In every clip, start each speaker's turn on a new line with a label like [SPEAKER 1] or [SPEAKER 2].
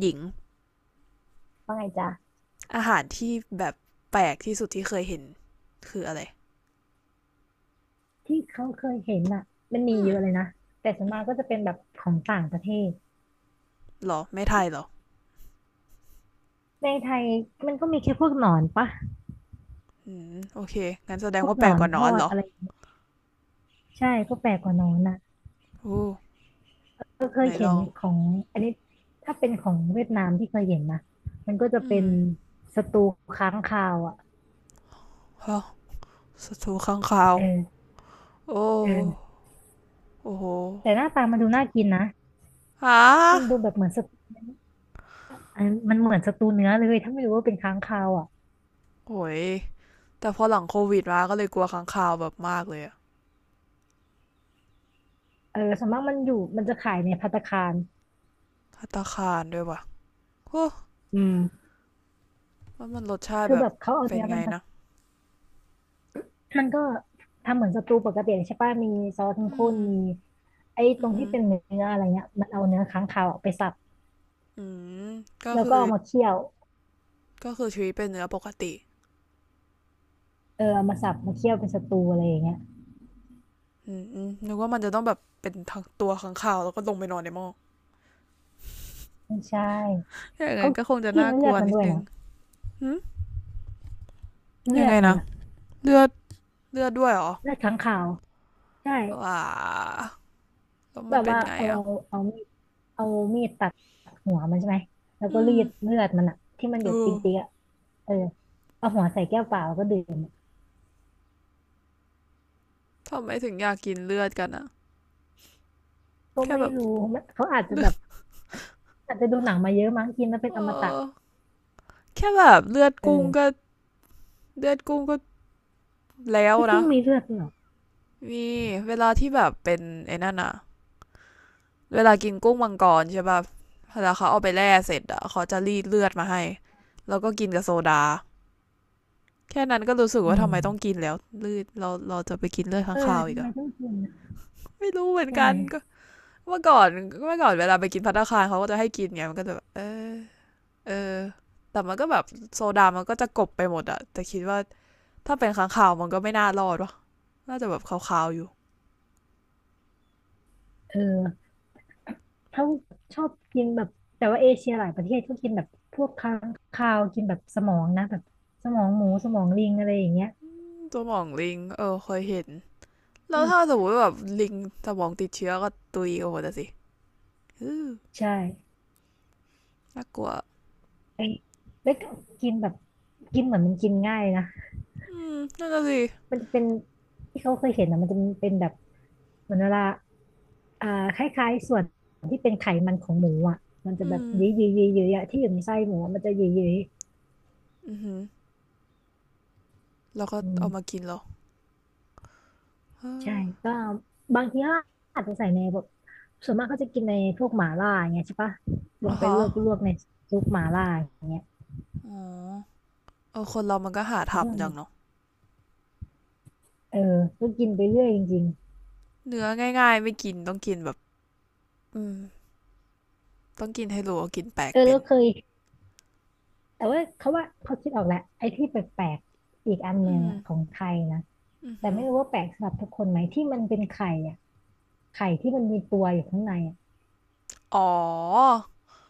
[SPEAKER 1] หญิง
[SPEAKER 2] ว่าไงจ๊ะ
[SPEAKER 1] อาหารที่แบบแปลกที่สุดที่เคยเห็นคืออะไร
[SPEAKER 2] ที่เขาเคยเห็นอ่ะมันมี
[SPEAKER 1] อืม
[SPEAKER 2] เยอะเลยนะแต่ส่วนมากก็จะเป็นแบบของต่างประเทศ
[SPEAKER 1] หรอไม่ไทยเหรอ
[SPEAKER 2] ในไทยมันก็มีแค่พวกหนอนปะ
[SPEAKER 1] อืมโอเคงั้นแสด
[SPEAKER 2] พ
[SPEAKER 1] ง
[SPEAKER 2] วก
[SPEAKER 1] ว่าแป
[SPEAKER 2] หน
[SPEAKER 1] ลก
[SPEAKER 2] อ
[SPEAKER 1] ก
[SPEAKER 2] น
[SPEAKER 1] ว่าน
[SPEAKER 2] ท
[SPEAKER 1] อ
[SPEAKER 2] อ
[SPEAKER 1] นเห
[SPEAKER 2] ด
[SPEAKER 1] รอ
[SPEAKER 2] อะไรใช่พวกแปลกกว่าหนอนนะ
[SPEAKER 1] โอ้
[SPEAKER 2] ก็เค
[SPEAKER 1] ไหน
[SPEAKER 2] ย
[SPEAKER 1] ล
[SPEAKER 2] เห็น
[SPEAKER 1] อง
[SPEAKER 2] ของอันนี้ถ้าเป็นของเวียดนามที่เคยเห็นนะมันก็จะ
[SPEAKER 1] อื
[SPEAKER 2] เป็
[SPEAKER 1] ม
[SPEAKER 2] นสตูค้างคาวอ่ะ
[SPEAKER 1] ฮะสตูข้างคาว
[SPEAKER 2] เออ
[SPEAKER 1] โอ้
[SPEAKER 2] เออ
[SPEAKER 1] โอ้โห
[SPEAKER 2] แต่หน้าตามันดูน่ากินนะ
[SPEAKER 1] ฮะ
[SPEAKER 2] มันดูแบบเหมือนสตูอันมันเหมือนสตูเนื้อเลยถ้าไม่รู้ว่าเป็นค้างคาวอ่ะ
[SPEAKER 1] โอ้ยแต่พอหลังโควิดมาก็เลยกลัวค้างคาวแบบมากเลยอะ
[SPEAKER 2] เออส่วนมากมันอยู่มันจะขายในภัตตาคาร
[SPEAKER 1] ภัตตาคารด้วยว่ะโอ้
[SPEAKER 2] อืม
[SPEAKER 1] ว่ามันรสชาติ
[SPEAKER 2] คือ
[SPEAKER 1] แบ
[SPEAKER 2] แบ
[SPEAKER 1] บ
[SPEAKER 2] บเขาเอา
[SPEAKER 1] เป็น
[SPEAKER 2] เนื้อ
[SPEAKER 1] ไง
[SPEAKER 2] มัน
[SPEAKER 1] นะ
[SPEAKER 2] มันก็ทำเหมือนสตูปกติใช่ป่ะมีซอสเข้ม
[SPEAKER 1] อื
[SPEAKER 2] ข้น
[SPEAKER 1] ม
[SPEAKER 2] มีไอ้ต
[SPEAKER 1] อื
[SPEAKER 2] ร
[SPEAKER 1] ม
[SPEAKER 2] ง
[SPEAKER 1] อ
[SPEAKER 2] ที่เป็นเนื้ออะไรเงี้ยมันเอาเนื้อค้างคาวอะไปสับ
[SPEAKER 1] อืมก็
[SPEAKER 2] แล้ว
[SPEAKER 1] คื
[SPEAKER 2] ก็
[SPEAKER 1] อ
[SPEAKER 2] เอามาเคี่ยว
[SPEAKER 1] ก็คือชีวิตเป็นเนื้อปกติ
[SPEAKER 2] เออเอามาสับมาเคี่ยวเป็นสตูอะไรอย่างเงี้ย
[SPEAKER 1] อืมนึกว่ามันจะต้องแบบเป็นทั้งตัวขังข่าวแล้วก็ลงไปนอนในหม้อ
[SPEAKER 2] ไม่ใช่
[SPEAKER 1] อย่าง
[SPEAKER 2] เขา
[SPEAKER 1] นั้นก็คงจะ
[SPEAKER 2] กิน
[SPEAKER 1] น่าก
[SPEAKER 2] เลื
[SPEAKER 1] ลั
[SPEAKER 2] อด
[SPEAKER 1] ว
[SPEAKER 2] มัน
[SPEAKER 1] นิด
[SPEAKER 2] ด้วย
[SPEAKER 1] นึง
[SPEAKER 2] นะ
[SPEAKER 1] หืม
[SPEAKER 2] เลื
[SPEAKER 1] ยัง
[SPEAKER 2] อ
[SPEAKER 1] ไง
[SPEAKER 2] ดมัน
[SPEAKER 1] นะ
[SPEAKER 2] อะ
[SPEAKER 1] เลือดเลือดด้วยเหรอ
[SPEAKER 2] เลือดค้างคาวใช่
[SPEAKER 1] ว้าแล้ว
[SPEAKER 2] แบ
[SPEAKER 1] มัน
[SPEAKER 2] บ
[SPEAKER 1] เป็น
[SPEAKER 2] ว่า
[SPEAKER 1] ไง
[SPEAKER 2] เอา
[SPEAKER 1] อ่ะ
[SPEAKER 2] เอามีดเอามีดตัดหัวมันใช่ไหมแล้วก็
[SPEAKER 1] อื
[SPEAKER 2] รี
[SPEAKER 1] ม
[SPEAKER 2] ดเลือดมันอะที่มันหยดติ๊งติ๊ง
[SPEAKER 1] โออ
[SPEAKER 2] อะเออเอาหัวใส่แก้วเปล่าแล้วก็ดื่ม
[SPEAKER 1] ทำไมถึงอยากกินเลือดกันอะ
[SPEAKER 2] ก็
[SPEAKER 1] แค่
[SPEAKER 2] ไม่
[SPEAKER 1] แบบ
[SPEAKER 2] รู้มันเขาอาจจะ
[SPEAKER 1] เลือ
[SPEAKER 2] แบ
[SPEAKER 1] ด
[SPEAKER 2] บอาจจะดูหนังมาเยอะมั้งกินแล้วเป็น
[SPEAKER 1] เอ
[SPEAKER 2] อมตะ
[SPEAKER 1] อแค่แบบเลือด
[SPEAKER 2] เอ
[SPEAKER 1] กุ้งก็
[SPEAKER 2] อ
[SPEAKER 1] เลือดกุ้งก็แล้ว
[SPEAKER 2] ไม่กุ้
[SPEAKER 1] นะ
[SPEAKER 2] งมีเลือดด้วยเหรอ
[SPEAKER 1] มีเวลาที่แบบเป็นไอ้นั่นอะเวลากินกุ้งมังกรใช่ป่ะเวลาเขาเอาไปแล่เสร็จอะเขาจะรีดเลือดมาให้แล้วก็กินกับโซดา แค่นั้นก็รู้สึก
[SPEAKER 2] อื
[SPEAKER 1] ว่า
[SPEAKER 2] ม
[SPEAKER 1] ทำไมต้องกินแล้วเลือดเราเราจะไปกินเลือดข้า
[SPEAKER 2] เอ
[SPEAKER 1] ง
[SPEAKER 2] อ
[SPEAKER 1] คาวอี
[SPEAKER 2] ทำ
[SPEAKER 1] ก
[SPEAKER 2] ไม
[SPEAKER 1] อ่ะ
[SPEAKER 2] ต้องกินนะ
[SPEAKER 1] ไม่รู้เหมือน
[SPEAKER 2] ใช่
[SPEAKER 1] กั
[SPEAKER 2] ไหม
[SPEAKER 1] นก็เมื่อก่อนเมื่อก่อนเวลาไปกินภัตตาคารเขาก็จะให้กินไงมันก็จะแบบเออเออแต่มันก็แบบโซดามันก็จะกบไปหมดอะแต่คิดว่าถ้าเป็นข้างคาวมันก็ไม่น่ารอดวะน่าจะแบบขาวๆอยู่
[SPEAKER 2] เออเขาชอบกินแบบแต่ว่าเอเชียหลายประเทศก็กินแบบพวกค้างคาวกินแบบสมองนะแบบสมองหมูสมองลิงอะไรอย่างเงี้ย
[SPEAKER 1] ตัวมองลิงเออเคยเห็นแล้
[SPEAKER 2] อื
[SPEAKER 1] ว
[SPEAKER 2] ม
[SPEAKER 1] ถ้าสมมติแบบลิงสมองติดเชื้อก็ตุยโอ้โหแต่สิ้
[SPEAKER 2] ใช่
[SPEAKER 1] น่ากลัว
[SPEAKER 2] เอ้ยแล้วก็กินแบบกินเหมือนมันกินง่ายนะ
[SPEAKER 1] อืมนั่นน่ะสิ
[SPEAKER 2] มันจะเป็นที่เขาเคยเห็นนะมันจะเป็นแบบเหมือนเวลาอ่าคล้ายๆส่วนที่เป็นไขมันของหมูอ่ะมันจะ
[SPEAKER 1] อื
[SPEAKER 2] แบบ
[SPEAKER 1] ม
[SPEAKER 2] ยื้อยื้อยื้อยื้ออะที่อยู่ในไส้หมูอะมันจะยื้อยื้อ
[SPEAKER 1] อือฮึแล้วก็
[SPEAKER 2] อื
[SPEAKER 1] เอามา
[SPEAKER 2] ม
[SPEAKER 1] กินเหร
[SPEAKER 2] ใช่
[SPEAKER 1] ออ
[SPEAKER 2] ก็บางทีก็อาจจะใส่ในแบบส่วนมากเขาจะกินในพวกหม่าล่าอย่างเงี้ยใช่ปะล
[SPEAKER 1] อ๋อ
[SPEAKER 2] งไป
[SPEAKER 1] ฮะ
[SPEAKER 2] ลวกลวกในซุปหม่าล่าอย่างเงี้ย
[SPEAKER 1] อ๋อเออคนเรามันก็หา
[SPEAKER 2] แล้วก็
[SPEAKER 1] ทำจังเนาะ
[SPEAKER 2] เออก็กินไปเรื่อยจริง
[SPEAKER 1] เนื้อง่ายๆไม่กินต้องกินแบบอืมต้องกินให้รู้ว่ากินแปล
[SPEAKER 2] ๆ
[SPEAKER 1] ก
[SPEAKER 2] เออ
[SPEAKER 1] เป็
[SPEAKER 2] แล้
[SPEAKER 1] น
[SPEAKER 2] วเคยแต่ว่าเขาว่าเขาคิดออกแหละไอ้ที่แปลกๆอีกอันห
[SPEAKER 1] อื
[SPEAKER 2] นึ่ง
[SPEAKER 1] ม
[SPEAKER 2] อะของไทยนะ
[SPEAKER 1] อือ
[SPEAKER 2] แต่
[SPEAKER 1] หือ
[SPEAKER 2] ไม่รู้ว่าแปลกสำหรับทุกคนไหมที่มันเป็นไข่อะไข่ที่มันมีตัวอยู่ข้างในอะ
[SPEAKER 1] อ๋อ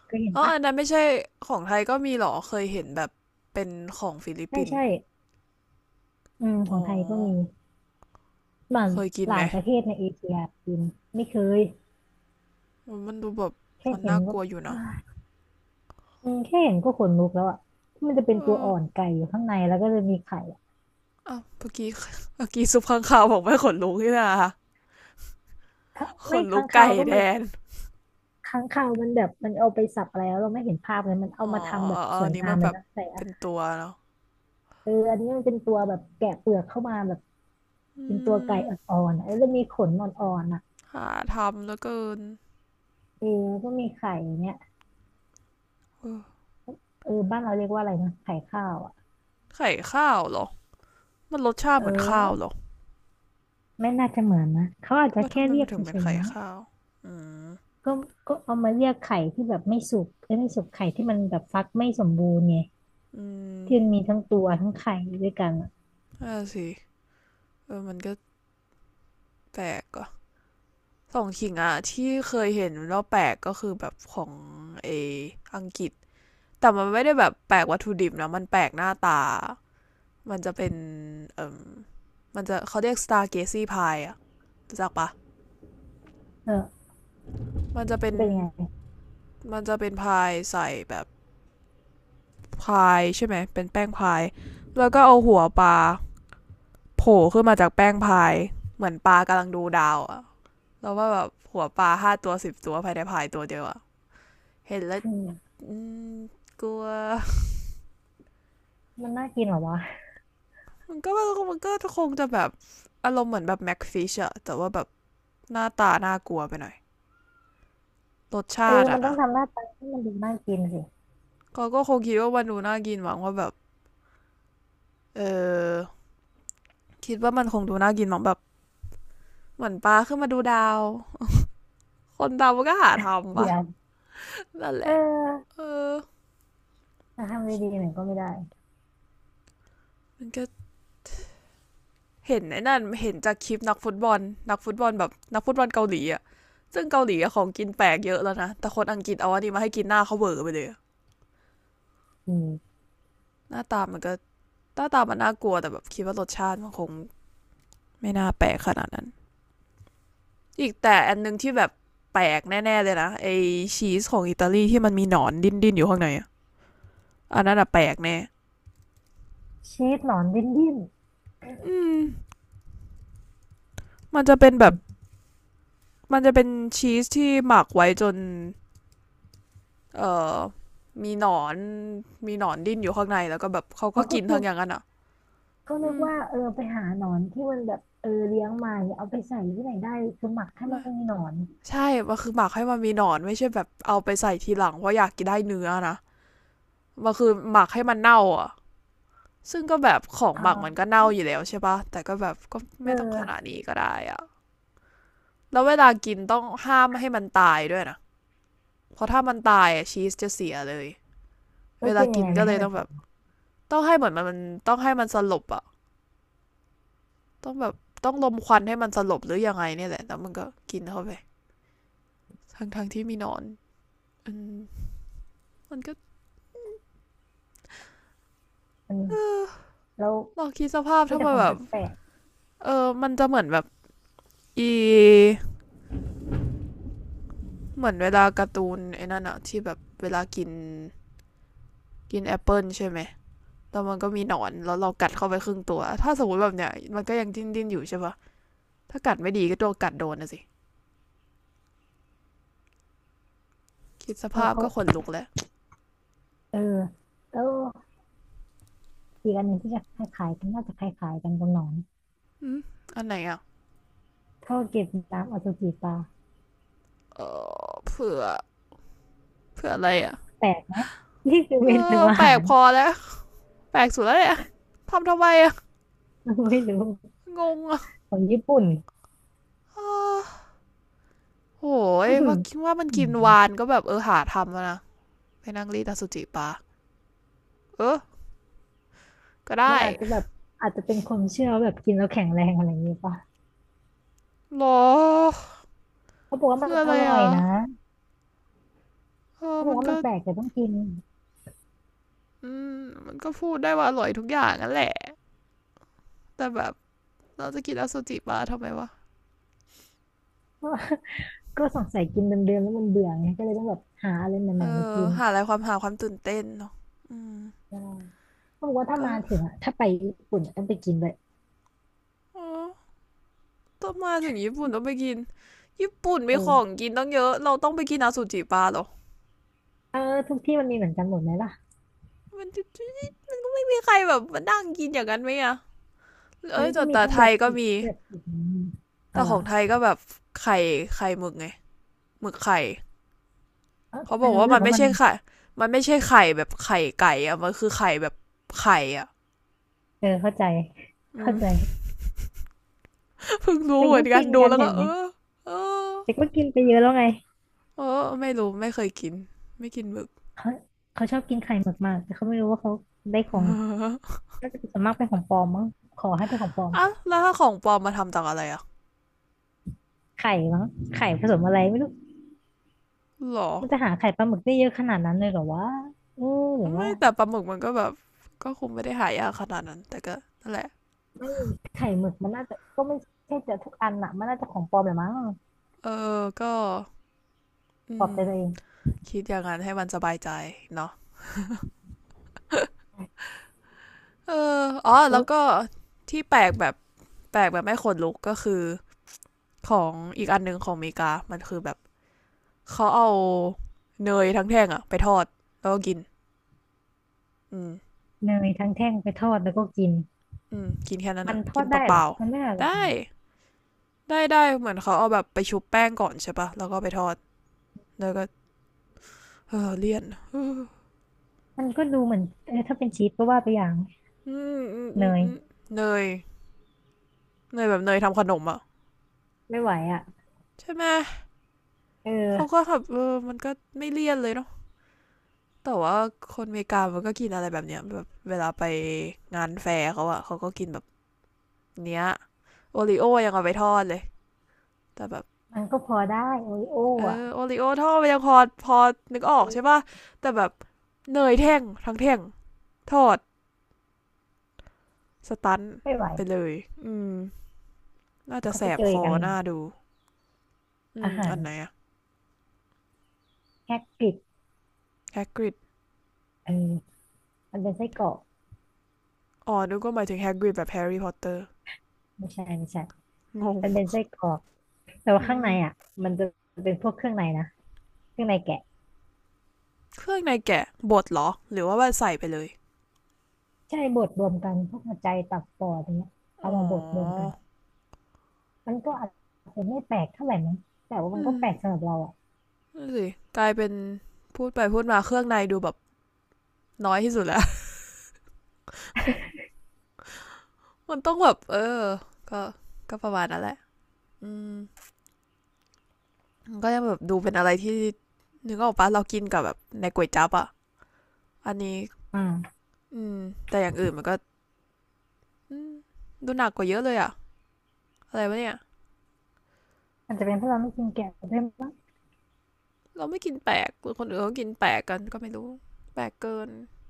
[SPEAKER 2] เคยเห็น
[SPEAKER 1] เออ
[SPEAKER 2] ปะ
[SPEAKER 1] อันนั้นไม่ใช่ของไทยก็มีเหรอเคยเห็นแบบเป็นของฟิลิป
[SPEAKER 2] ใช่
[SPEAKER 1] ปินส์
[SPEAKER 2] ใช่อืมข
[SPEAKER 1] อ๋
[SPEAKER 2] อ
[SPEAKER 1] อ
[SPEAKER 2] งไทยก็มีมัน
[SPEAKER 1] เคยกิน
[SPEAKER 2] หลา
[SPEAKER 1] ไหม
[SPEAKER 2] ยประเทศในเอเชียกินไม่เคย
[SPEAKER 1] มันมันดูแบบ
[SPEAKER 2] แค่
[SPEAKER 1] มัน
[SPEAKER 2] เห็น
[SPEAKER 1] น่าก
[SPEAKER 2] ก็
[SPEAKER 1] ลัวอยู่เนาะ
[SPEAKER 2] อืมแค่เห็นก็ขนลุกแล้วอ่ะที่มันจะ
[SPEAKER 1] เอ
[SPEAKER 2] เป็นตัว
[SPEAKER 1] อ
[SPEAKER 2] อ่อนไก่อยู่ข้างในแล้วก็จะมีไข่อะ
[SPEAKER 1] อ่ะเมื่อกี้ซุปข้างคาวบอกไม่ขนลุกนี่นะ
[SPEAKER 2] ถ้า
[SPEAKER 1] ข
[SPEAKER 2] ไม่
[SPEAKER 1] นลุ
[SPEAKER 2] ค้า
[SPEAKER 1] ก
[SPEAKER 2] ง
[SPEAKER 1] ไก่
[SPEAKER 2] คาวก็
[SPEAKER 1] แด
[SPEAKER 2] มัน
[SPEAKER 1] น
[SPEAKER 2] ค้างคาวมันแบบมันเอาไปสับอะไรแล้วเราไม่เห็นภาพเลยมัน
[SPEAKER 1] อ๋
[SPEAKER 2] เอา
[SPEAKER 1] อ
[SPEAKER 2] มาทำแบ
[SPEAKER 1] อ
[SPEAKER 2] บ
[SPEAKER 1] อ
[SPEAKER 2] ส
[SPEAKER 1] อั
[SPEAKER 2] ว
[SPEAKER 1] น
[SPEAKER 2] ย
[SPEAKER 1] นี้
[SPEAKER 2] งา
[SPEAKER 1] มั
[SPEAKER 2] ม
[SPEAKER 1] น
[SPEAKER 2] เล
[SPEAKER 1] แบ
[SPEAKER 2] ย
[SPEAKER 1] บ
[SPEAKER 2] นะใส่อา
[SPEAKER 1] เป็น
[SPEAKER 2] หาร
[SPEAKER 1] ตัวเนาะ
[SPEAKER 2] เอออันนี้มันเป็นตัวแบบแกะเปลือกเข้ามาแบบ
[SPEAKER 1] อื
[SPEAKER 2] เป็นตัวไก่
[SPEAKER 1] ม
[SPEAKER 2] อ่อนๆอะแล้วจะมีขนอ่อนๆอ่ะ
[SPEAKER 1] หาทำแล้วเกิน
[SPEAKER 2] เออแล้วก็มีไข่เนี้ยเออบ้านเราเรียกว่าอะไรนะไข่ข้าวอ่ะ
[SPEAKER 1] ไข่ข้าวเหรอมันรสชาติ
[SPEAKER 2] เอ
[SPEAKER 1] เหมือนข้าว
[SPEAKER 2] อ
[SPEAKER 1] เหรอ
[SPEAKER 2] ไม่น่าจะเหมือนนะเขาอาจจะ
[SPEAKER 1] ว่าทำ
[SPEAKER 2] แค่
[SPEAKER 1] ไม
[SPEAKER 2] เรี
[SPEAKER 1] มั
[SPEAKER 2] ย
[SPEAKER 1] น
[SPEAKER 2] ก
[SPEAKER 1] ถึงเป็
[SPEAKER 2] เฉ
[SPEAKER 1] น
[SPEAKER 2] ย
[SPEAKER 1] ไข่
[SPEAKER 2] ๆมั้ง
[SPEAKER 1] ข้าวอืม
[SPEAKER 2] ก็ก็เอามาเรียกไข่ที่แบบไม่สุกเอ้ยไม่สุกไข่ที่มันแบบฟักไม่สมบูรณ์ไง
[SPEAKER 1] อืม
[SPEAKER 2] ที่มันมีทั้งตัวทั้งไข่ด้วยกันอะ
[SPEAKER 1] น่าสิเออมันก็แปลกอ่ะสองขิงอ่ะที่เคยเห็นแล้วแปลกก็คือแบบของเออังกฤษแต่มันไม่ได้แบบแปลกวัตถุดิบนะมันแปลกหน้าตามันจะเป็นเออมันจะเขาเรียก Stargazy Pie อะรู้จักปะ
[SPEAKER 2] เออ
[SPEAKER 1] มันจะเป็น
[SPEAKER 2] เป็นยังไง
[SPEAKER 1] มันจะเป็นพายใส่แบบ พายใช่ไหมเป็นแป้งพายแล้วก็เอาหัวปลาโผล่ขึ้นมาจากแป้งพายเหมือนปลากำลังดูดาวอะแล้วว่าแบบหัวปลา5 ตัว 10 ตัวภายในพายตัวเดียวอะเห็นแล้ว
[SPEAKER 2] อืม
[SPEAKER 1] ืมกลัว
[SPEAKER 2] มันน่ากินเหรอวะ
[SPEAKER 1] มันก็มันก็คงจะแบบอารมณ์เหมือนแบบแม็กฟิชอะแต่ว่าแบบหน้าตาน่ากลัวไปหน่อยรส
[SPEAKER 2] เออ
[SPEAKER 1] ชาติ
[SPEAKER 2] มั
[SPEAKER 1] อะ
[SPEAKER 2] นต้อง
[SPEAKER 1] นะ
[SPEAKER 2] ทำหน้าตาให้มันดูน่ากินสิ
[SPEAKER 1] ก็ก็คงคิดว่ามันดูน่ากินหวังว่าแบบเออคิดว่ามันคงดูน่ากินหวังแบบเหมือนปลาขึ้นมาดูดาวคนดาวมันก็หาทำ
[SPEAKER 2] เดี๋
[SPEAKER 1] ปะ
[SPEAKER 2] ยว
[SPEAKER 1] นั่นแห
[SPEAKER 2] เออ
[SPEAKER 1] ละเออ
[SPEAKER 2] ถ้าทำดีๆหน่อยก็ไม่ได้
[SPEAKER 1] มันก็เห็นไอ้นั่นเห็นจากคลิปนักฟุตบอลนักฟุตบอลแบบนักฟุตบอลเกาหลีอะซึ่งเกาหลีอะของกินแปลกเยอะแล้วนะแต่คนอังกฤษเอาอันนี้มาให้กินหน้าเขาเวอร์ไปเลย
[SPEAKER 2] อืม
[SPEAKER 1] หน้าตามันก็หน้าตามันน่ากลัวแต่แบบคิดว่ารสชาติมันคงไม่น่าแปลกขนาดนั้นอีกแต่อันหนึงที่แบบแปลกแน่ๆเลยนะไอชีสของอิตาลีที่มันมีหนอนดิ้นๆอยู่ข้างในออันนั้นอะแปลกแน่
[SPEAKER 2] ชีสหนอนดิ้นดิ้น
[SPEAKER 1] อืมมันจะเป็นแบ
[SPEAKER 2] อื
[SPEAKER 1] บ
[SPEAKER 2] ม
[SPEAKER 1] มันจะเป็นชีสที่หมักไว้จน เอ่อมีหนอนมีหนอนดิ้นอยู่ข้างในแล้วก็แบบเขาก็
[SPEAKER 2] เอาก็
[SPEAKER 1] กิน
[SPEAKER 2] คือ
[SPEAKER 1] ทั้งอย่างนั้นอ่ะ
[SPEAKER 2] ก็นึ
[SPEAKER 1] อื
[SPEAKER 2] ก
[SPEAKER 1] ม
[SPEAKER 2] ว่าเออไปหาหนอนที่มันแบบเออเลี้ยงมาเนี่ยเอาไปใส่ที่ไหนได้คือหมักให้มันมีหนอน
[SPEAKER 1] ใช่มันคือหมักให้มันมีหนอนไม่ใช่แบบเอาไปใส่ทีหลังเพราะอยากกินได้เนื้อนะมันคือหมักให้มันเน่าอ่ะซึ่งก็แบบของหมักมัน
[SPEAKER 2] อ่า
[SPEAKER 1] ก็เน่าอยู่แล้วใช่ปะแต่ก็แบบก็
[SPEAKER 2] เ
[SPEAKER 1] ไม่ต้องขนาด
[SPEAKER 2] ออ
[SPEAKER 1] นี้ก็ได้อ่ะแล้วเวลากินต้องห้ามไม่ให้มันตายด้วยนะเพราะถ้ามันตายอะชีสจะเสียเลย
[SPEAKER 2] แล้
[SPEAKER 1] เว
[SPEAKER 2] ว
[SPEAKER 1] ลา
[SPEAKER 2] กินยั
[SPEAKER 1] กิ
[SPEAKER 2] ง
[SPEAKER 1] น
[SPEAKER 2] ไง
[SPEAKER 1] ก็
[SPEAKER 2] ไม่
[SPEAKER 1] เล
[SPEAKER 2] ให้
[SPEAKER 1] ย
[SPEAKER 2] มัน
[SPEAKER 1] ต้องแบ
[SPEAKER 2] ตา
[SPEAKER 1] บ
[SPEAKER 2] ย
[SPEAKER 1] ต้องให้เหมือนมันต้องให้มันสลบอะ ต้องแบบต้องควันให้มันสลบหรือยังไงเนี่ยแหละแล้วมันก็กินเข้าไปทั้งที่มีหนอนอืมมันก็
[SPEAKER 2] มันแล้ว
[SPEAKER 1] ลองคิดสภาพ
[SPEAKER 2] มี
[SPEAKER 1] ถ้า
[SPEAKER 2] แต่
[SPEAKER 1] มั
[SPEAKER 2] ข
[SPEAKER 1] น
[SPEAKER 2] อง
[SPEAKER 1] แบ
[SPEAKER 2] แ
[SPEAKER 1] บ
[SPEAKER 2] ปลก
[SPEAKER 1] เออมันจะเหมือนแบบอีเหมือนเวลาการ์ตูนไอ้นั่นอะที่แบบเวลากินกินแอปเปิลใช่ไหมแล้วมันก็มีหนอนแล้วเรากัดเข้าไปครึ่งตัวถ้าสมมติแบบเนี้ยมันก็ยังดิ้นอยู่ใช่ปะถ้ากัดไม่ดีก็โดนกัดโดนนะสิคิดส
[SPEAKER 2] ๆแล้
[SPEAKER 1] ภา
[SPEAKER 2] ว
[SPEAKER 1] พ
[SPEAKER 2] เขา
[SPEAKER 1] ก็ขนลุกแล้ว
[SPEAKER 2] เออแล้วอีกอันหนึ่งที่จะคล้ายๆกันน่าจะคล้ายๆกันกับหนอน
[SPEAKER 1] อืมอันไหนอะ
[SPEAKER 2] ข้าวเกรียบน้ำอสุจิปลา
[SPEAKER 1] เออเผื่อเผื่ออะไรอะ
[SPEAKER 2] แปลกนะนี่คือ
[SPEAKER 1] เอ
[SPEAKER 2] เมนู
[SPEAKER 1] อ
[SPEAKER 2] อา
[SPEAKER 1] แปล
[SPEAKER 2] หา
[SPEAKER 1] ก
[SPEAKER 2] ร
[SPEAKER 1] พอแล้ว แปลกสุดแล้วเนี่ยทำไมอะ
[SPEAKER 2] ไม่รู้
[SPEAKER 1] งงอะ
[SPEAKER 2] ของญี่ปุ่น
[SPEAKER 1] โห ย
[SPEAKER 2] อืม
[SPEAKER 1] ว่าคิดว่ามัน
[SPEAKER 2] อื
[SPEAKER 1] กินวาน
[SPEAKER 2] ม
[SPEAKER 1] ก็แบบเออหาทำแล้วนะไปนั่งรีดอสุจิปะเออก็
[SPEAKER 2] มั
[SPEAKER 1] ได้
[SPEAKER 2] นอาจจะแบบอาจจะเป็นความเชื่อว่าแบบกินแล้วแข็งแรงอะไรอย่างนี้ป่ะ
[SPEAKER 1] หรอ
[SPEAKER 2] เขาบอกว่า
[SPEAKER 1] คื
[SPEAKER 2] มั
[SPEAKER 1] อ
[SPEAKER 2] น
[SPEAKER 1] อะ
[SPEAKER 2] อ
[SPEAKER 1] ไร
[SPEAKER 2] ร่อย
[SPEAKER 1] อะ
[SPEAKER 2] นะ
[SPEAKER 1] เออ
[SPEAKER 2] เขาบอ
[SPEAKER 1] มั
[SPEAKER 2] ก
[SPEAKER 1] น
[SPEAKER 2] ว่า
[SPEAKER 1] ก็
[SPEAKER 2] มันแปลกแต่ต้องกิน
[SPEAKER 1] อืมมันก็พูดได้ว่าอร่อยทุกอย่างนั่นแหละแต่แบบเราจะกินอสุจิปะทำไมวะ
[SPEAKER 2] ก็ก็สงสัยกินเดิมๆแล้วมันเบื่อไงก็เลยต้องแบบหาอะไรให
[SPEAKER 1] เอ
[SPEAKER 2] ม่ๆมา
[SPEAKER 1] อ
[SPEAKER 2] กิน
[SPEAKER 1] หาอะไรความหาความตื่นเต้นเนาะอืม
[SPEAKER 2] ใช่เขาบอกว่าถ้า
[SPEAKER 1] ก็
[SPEAKER 2] มาถึงอะถ้าไปญี่ปุ่นอะต้องไปกินเลย
[SPEAKER 1] อ๋อต้องมาถึงญี่ปุ่นต้องไปกินญี่ปุ่นมีของ
[SPEAKER 2] เออ
[SPEAKER 1] กินต้องเยอะเราต้องไปกินอาซจิปลาหรอ
[SPEAKER 2] เออทุกที่มันมีเหมือนกันหมดไหมล่ะ
[SPEAKER 1] มัน ใครแบบมานั่งกินอย่างนั้นไหมอะ
[SPEAKER 2] มั
[SPEAKER 1] เอ้
[SPEAKER 2] น
[SPEAKER 1] ย
[SPEAKER 2] ก็มี
[SPEAKER 1] แต่
[SPEAKER 2] ทั้ง
[SPEAKER 1] ไท
[SPEAKER 2] แบ
[SPEAKER 1] ย
[SPEAKER 2] บ
[SPEAKER 1] ก็
[SPEAKER 2] สุก
[SPEAKER 1] มี
[SPEAKER 2] แบบอืมอะ
[SPEAKER 1] แต่
[SPEAKER 2] ไร
[SPEAKER 1] ของไทย
[SPEAKER 2] อ
[SPEAKER 1] ก็แบบไข่ไข่หมึกไงหมึกไข่
[SPEAKER 2] เออ
[SPEAKER 1] เขา
[SPEAKER 2] ทำไม
[SPEAKER 1] บอก
[SPEAKER 2] เรา
[SPEAKER 1] ว่า
[SPEAKER 2] รู้สึ
[SPEAKER 1] มั
[SPEAKER 2] ก
[SPEAKER 1] น
[SPEAKER 2] ว่า
[SPEAKER 1] ไม่
[SPEAKER 2] มัน
[SPEAKER 1] ใช่ไข่มันไม่ใช่ไข่แบบไข่ไก่อะมันคือไข่แบบไข่อะ
[SPEAKER 2] เออเข้าใจ
[SPEAKER 1] อื
[SPEAKER 2] เข้า
[SPEAKER 1] ม
[SPEAKER 2] ใจ
[SPEAKER 1] เพิ่งรู้
[SPEAKER 2] แต่
[SPEAKER 1] เหมื
[SPEAKER 2] ก็
[SPEAKER 1] อนกัน
[SPEAKER 2] กิน
[SPEAKER 1] ดู
[SPEAKER 2] กัน
[SPEAKER 1] แล้ว
[SPEAKER 2] เห็
[SPEAKER 1] ก็
[SPEAKER 2] นไห
[SPEAKER 1] เอ
[SPEAKER 2] ม
[SPEAKER 1] อเออ
[SPEAKER 2] แต่ก็กินไปเยอะแล้วไง
[SPEAKER 1] เออไม่รู้ไม่เคยกินไม่กินหมึก
[SPEAKER 2] เขาเขาชอบกินไข่หมึกมากแต่เขาไม่รู้ว่าเขาได้ของ น่าจะส่วนมากเป็นของปลอมมั้งขอให้เป็นของปลอม
[SPEAKER 1] อ่ะแล้วถ้าของปลอมมาทำจากอะไรอะ
[SPEAKER 2] ไข่มั้งไข่ผสมอะไรไม่รู้
[SPEAKER 1] หรอ
[SPEAKER 2] มันจะหาไข่ปลาหมึกได้เยอะขนาดนั้นเลยเหรอวะเออหรือว่า
[SPEAKER 1] ไม่แต่ปลาหมึกมันก็แบบก็คงไม่ได้หายากขนาดนั้นแต่ก็นั่นแหละ
[SPEAKER 2] ไม่ไข่หมึกมันน่าจะก็ไม่ใช่จะทุกอันอะมันน่าจะของปลอมแหละมั้ง
[SPEAKER 1] เออก็อื
[SPEAKER 2] ปลอบ
[SPEAKER 1] ม
[SPEAKER 2] ใจตัวเอง
[SPEAKER 1] คิดอย่างนั้นให้มันสบายใจเนาะเอออ๋อ
[SPEAKER 2] ซุ
[SPEAKER 1] แล้ว
[SPEAKER 2] ด
[SPEAKER 1] ก็ที่แปลกแบบแปลกแบบไม่ขนลุกก็คือของอีกอันหนึงของอเมริกามันคือแบบเขาเอาเนยทั้งแท่งอะไปทอดแล้วก็กินอืม
[SPEAKER 2] เนยทั้งแท่งไปทอดแล้วก็กิน
[SPEAKER 1] อืมกินแค่นั้น
[SPEAKER 2] มัน
[SPEAKER 1] อะ
[SPEAKER 2] ท
[SPEAKER 1] กิ
[SPEAKER 2] อ
[SPEAKER 1] น
[SPEAKER 2] ดได้
[SPEAKER 1] เป
[SPEAKER 2] เหรอ
[SPEAKER 1] ล่า
[SPEAKER 2] มันไม่อะ
[SPEAKER 1] ๆ
[SPEAKER 2] ไร
[SPEAKER 1] ได้ได้เหมือนเขาเอาแบบไปชุบแป้งก่อนใช่ปะแล้วก็ไปทอดแล้วก็เออเลี่ยนอื
[SPEAKER 2] มันก็ดูเหมือนเออถ้าเป็นชีสก็ว่าไปอย่างเน
[SPEAKER 1] อืม
[SPEAKER 2] ย
[SPEAKER 1] เนยเนยแบบเนยทำขนมอะ
[SPEAKER 2] ไม่ไหวอ่ะ
[SPEAKER 1] ใช่ไหม
[SPEAKER 2] เออ
[SPEAKER 1] เขาก็แบบเออมันก็ไม่เลี่ยนเลยเนาะ แต่ว่าคนอเมริกามันก็กินอะไรแบบเนี้ยแบบเวลาไปงานแฟร์เขาอะเขาก็กินแบบเนี้ยโอริโอยังเอาไปทอดเลยแต่แบบ
[SPEAKER 2] มันก็พอได้โอริโอ
[SPEAKER 1] เอ
[SPEAKER 2] อ่ะ
[SPEAKER 1] อโอริโอทอดไปยังพอพอนึกออ
[SPEAKER 2] เอ
[SPEAKER 1] กใช่
[SPEAKER 2] อ
[SPEAKER 1] ป่ะแต่แบบเนยแท่งทั้งแท่งทอดสตัน
[SPEAKER 2] ไม่ไหว
[SPEAKER 1] ไปเลยอืมน่าจะ
[SPEAKER 2] เขา
[SPEAKER 1] แส
[SPEAKER 2] ไป
[SPEAKER 1] บ
[SPEAKER 2] เจอ
[SPEAKER 1] คอ
[SPEAKER 2] กัน
[SPEAKER 1] หน้าดูอื
[SPEAKER 2] อา
[SPEAKER 1] ม
[SPEAKER 2] หา
[SPEAKER 1] อั
[SPEAKER 2] ร
[SPEAKER 1] นไหนอะ
[SPEAKER 2] แฮกกริด
[SPEAKER 1] แฮกริด
[SPEAKER 2] เออมันเป็นไส้กรอก
[SPEAKER 1] อ๋อนึกว่าหมายถึงแฮกริดแบบแฮร์รี่พอตเตอร์
[SPEAKER 2] ไม่ใช่ไม่ใช่
[SPEAKER 1] งง
[SPEAKER 2] มันเป็นไส้กรอกแต่ว่า
[SPEAKER 1] อื
[SPEAKER 2] ข้างใน
[SPEAKER 1] ม
[SPEAKER 2] อ่ะมันจะเป็นพวกเครื่องในนะเครื่องในแกะ
[SPEAKER 1] เครื่องในแกะบดเหรอหรือว่าใส่ไปเลย
[SPEAKER 2] ใช่บดรวมกันพวกหัวใจตับปอดอย่างเงี้ยเอา
[SPEAKER 1] อ๋อ
[SPEAKER 2] มาบดรวมกันมันก็อาจจะไม่แปลกเท่าไหร่มั้งแต่ว่ามัน
[SPEAKER 1] อื
[SPEAKER 2] ก็
[SPEAKER 1] ม
[SPEAKER 2] แปลกสำหรับเราอ่ะ
[SPEAKER 1] นั่นสิกลายเป็นพูดไปพูดมาเครื่องในดูแบบน้อยที่สุดแล้ว มันต้องแบบเออก็ก็ประมาณนั้นแหละอืมมันก็ยังแบบดูเป็นอะไรที่นึกออกปะเรากินกับแบบในก๋วยจั๊บอ่ะอันนี้
[SPEAKER 2] อ่า
[SPEAKER 1] อืมแต่อย่างอื่นมันก็อืมดูหนักกว่าเยอะเลยอ่ะอะไรวะเนี่ย
[SPEAKER 2] อาจจะเป็นเพราะเราไม่กินแกะด้วยมั้ง
[SPEAKER 1] เราไม่กินแปลกคนอื่นเขากินแปลกกันก็ไม่รู้ แปลกเกิน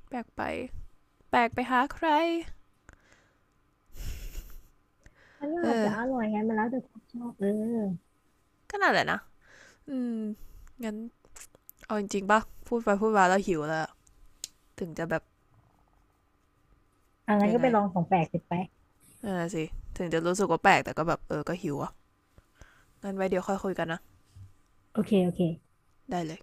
[SPEAKER 1] แปลกไปแปลกไปหาใคร
[SPEAKER 2] มันก็อาจจะอ
[SPEAKER 1] เออ
[SPEAKER 2] ร่อยไงมันแล้วแต่ความชอบเออ
[SPEAKER 1] ก็น่าแหละนะอืมงั้นเอาจริงๆปะพูดไปพูดมาแล้วหิวแล้ว ถึงจะแบบ
[SPEAKER 2] อันนั้น
[SPEAKER 1] ยัง
[SPEAKER 2] ก็
[SPEAKER 1] ไง
[SPEAKER 2] ไปลอ
[SPEAKER 1] อะ
[SPEAKER 2] งของแปลกสิไป
[SPEAKER 1] น่ะสิ ถึงจะรู้สึกว่าแปลกแต่ก็แบบเออก็หิวอ่ะงั้นไว้เดี๋ยวค่อยคุยกันนะ
[SPEAKER 2] โอเคโอเค
[SPEAKER 1] ได้เลย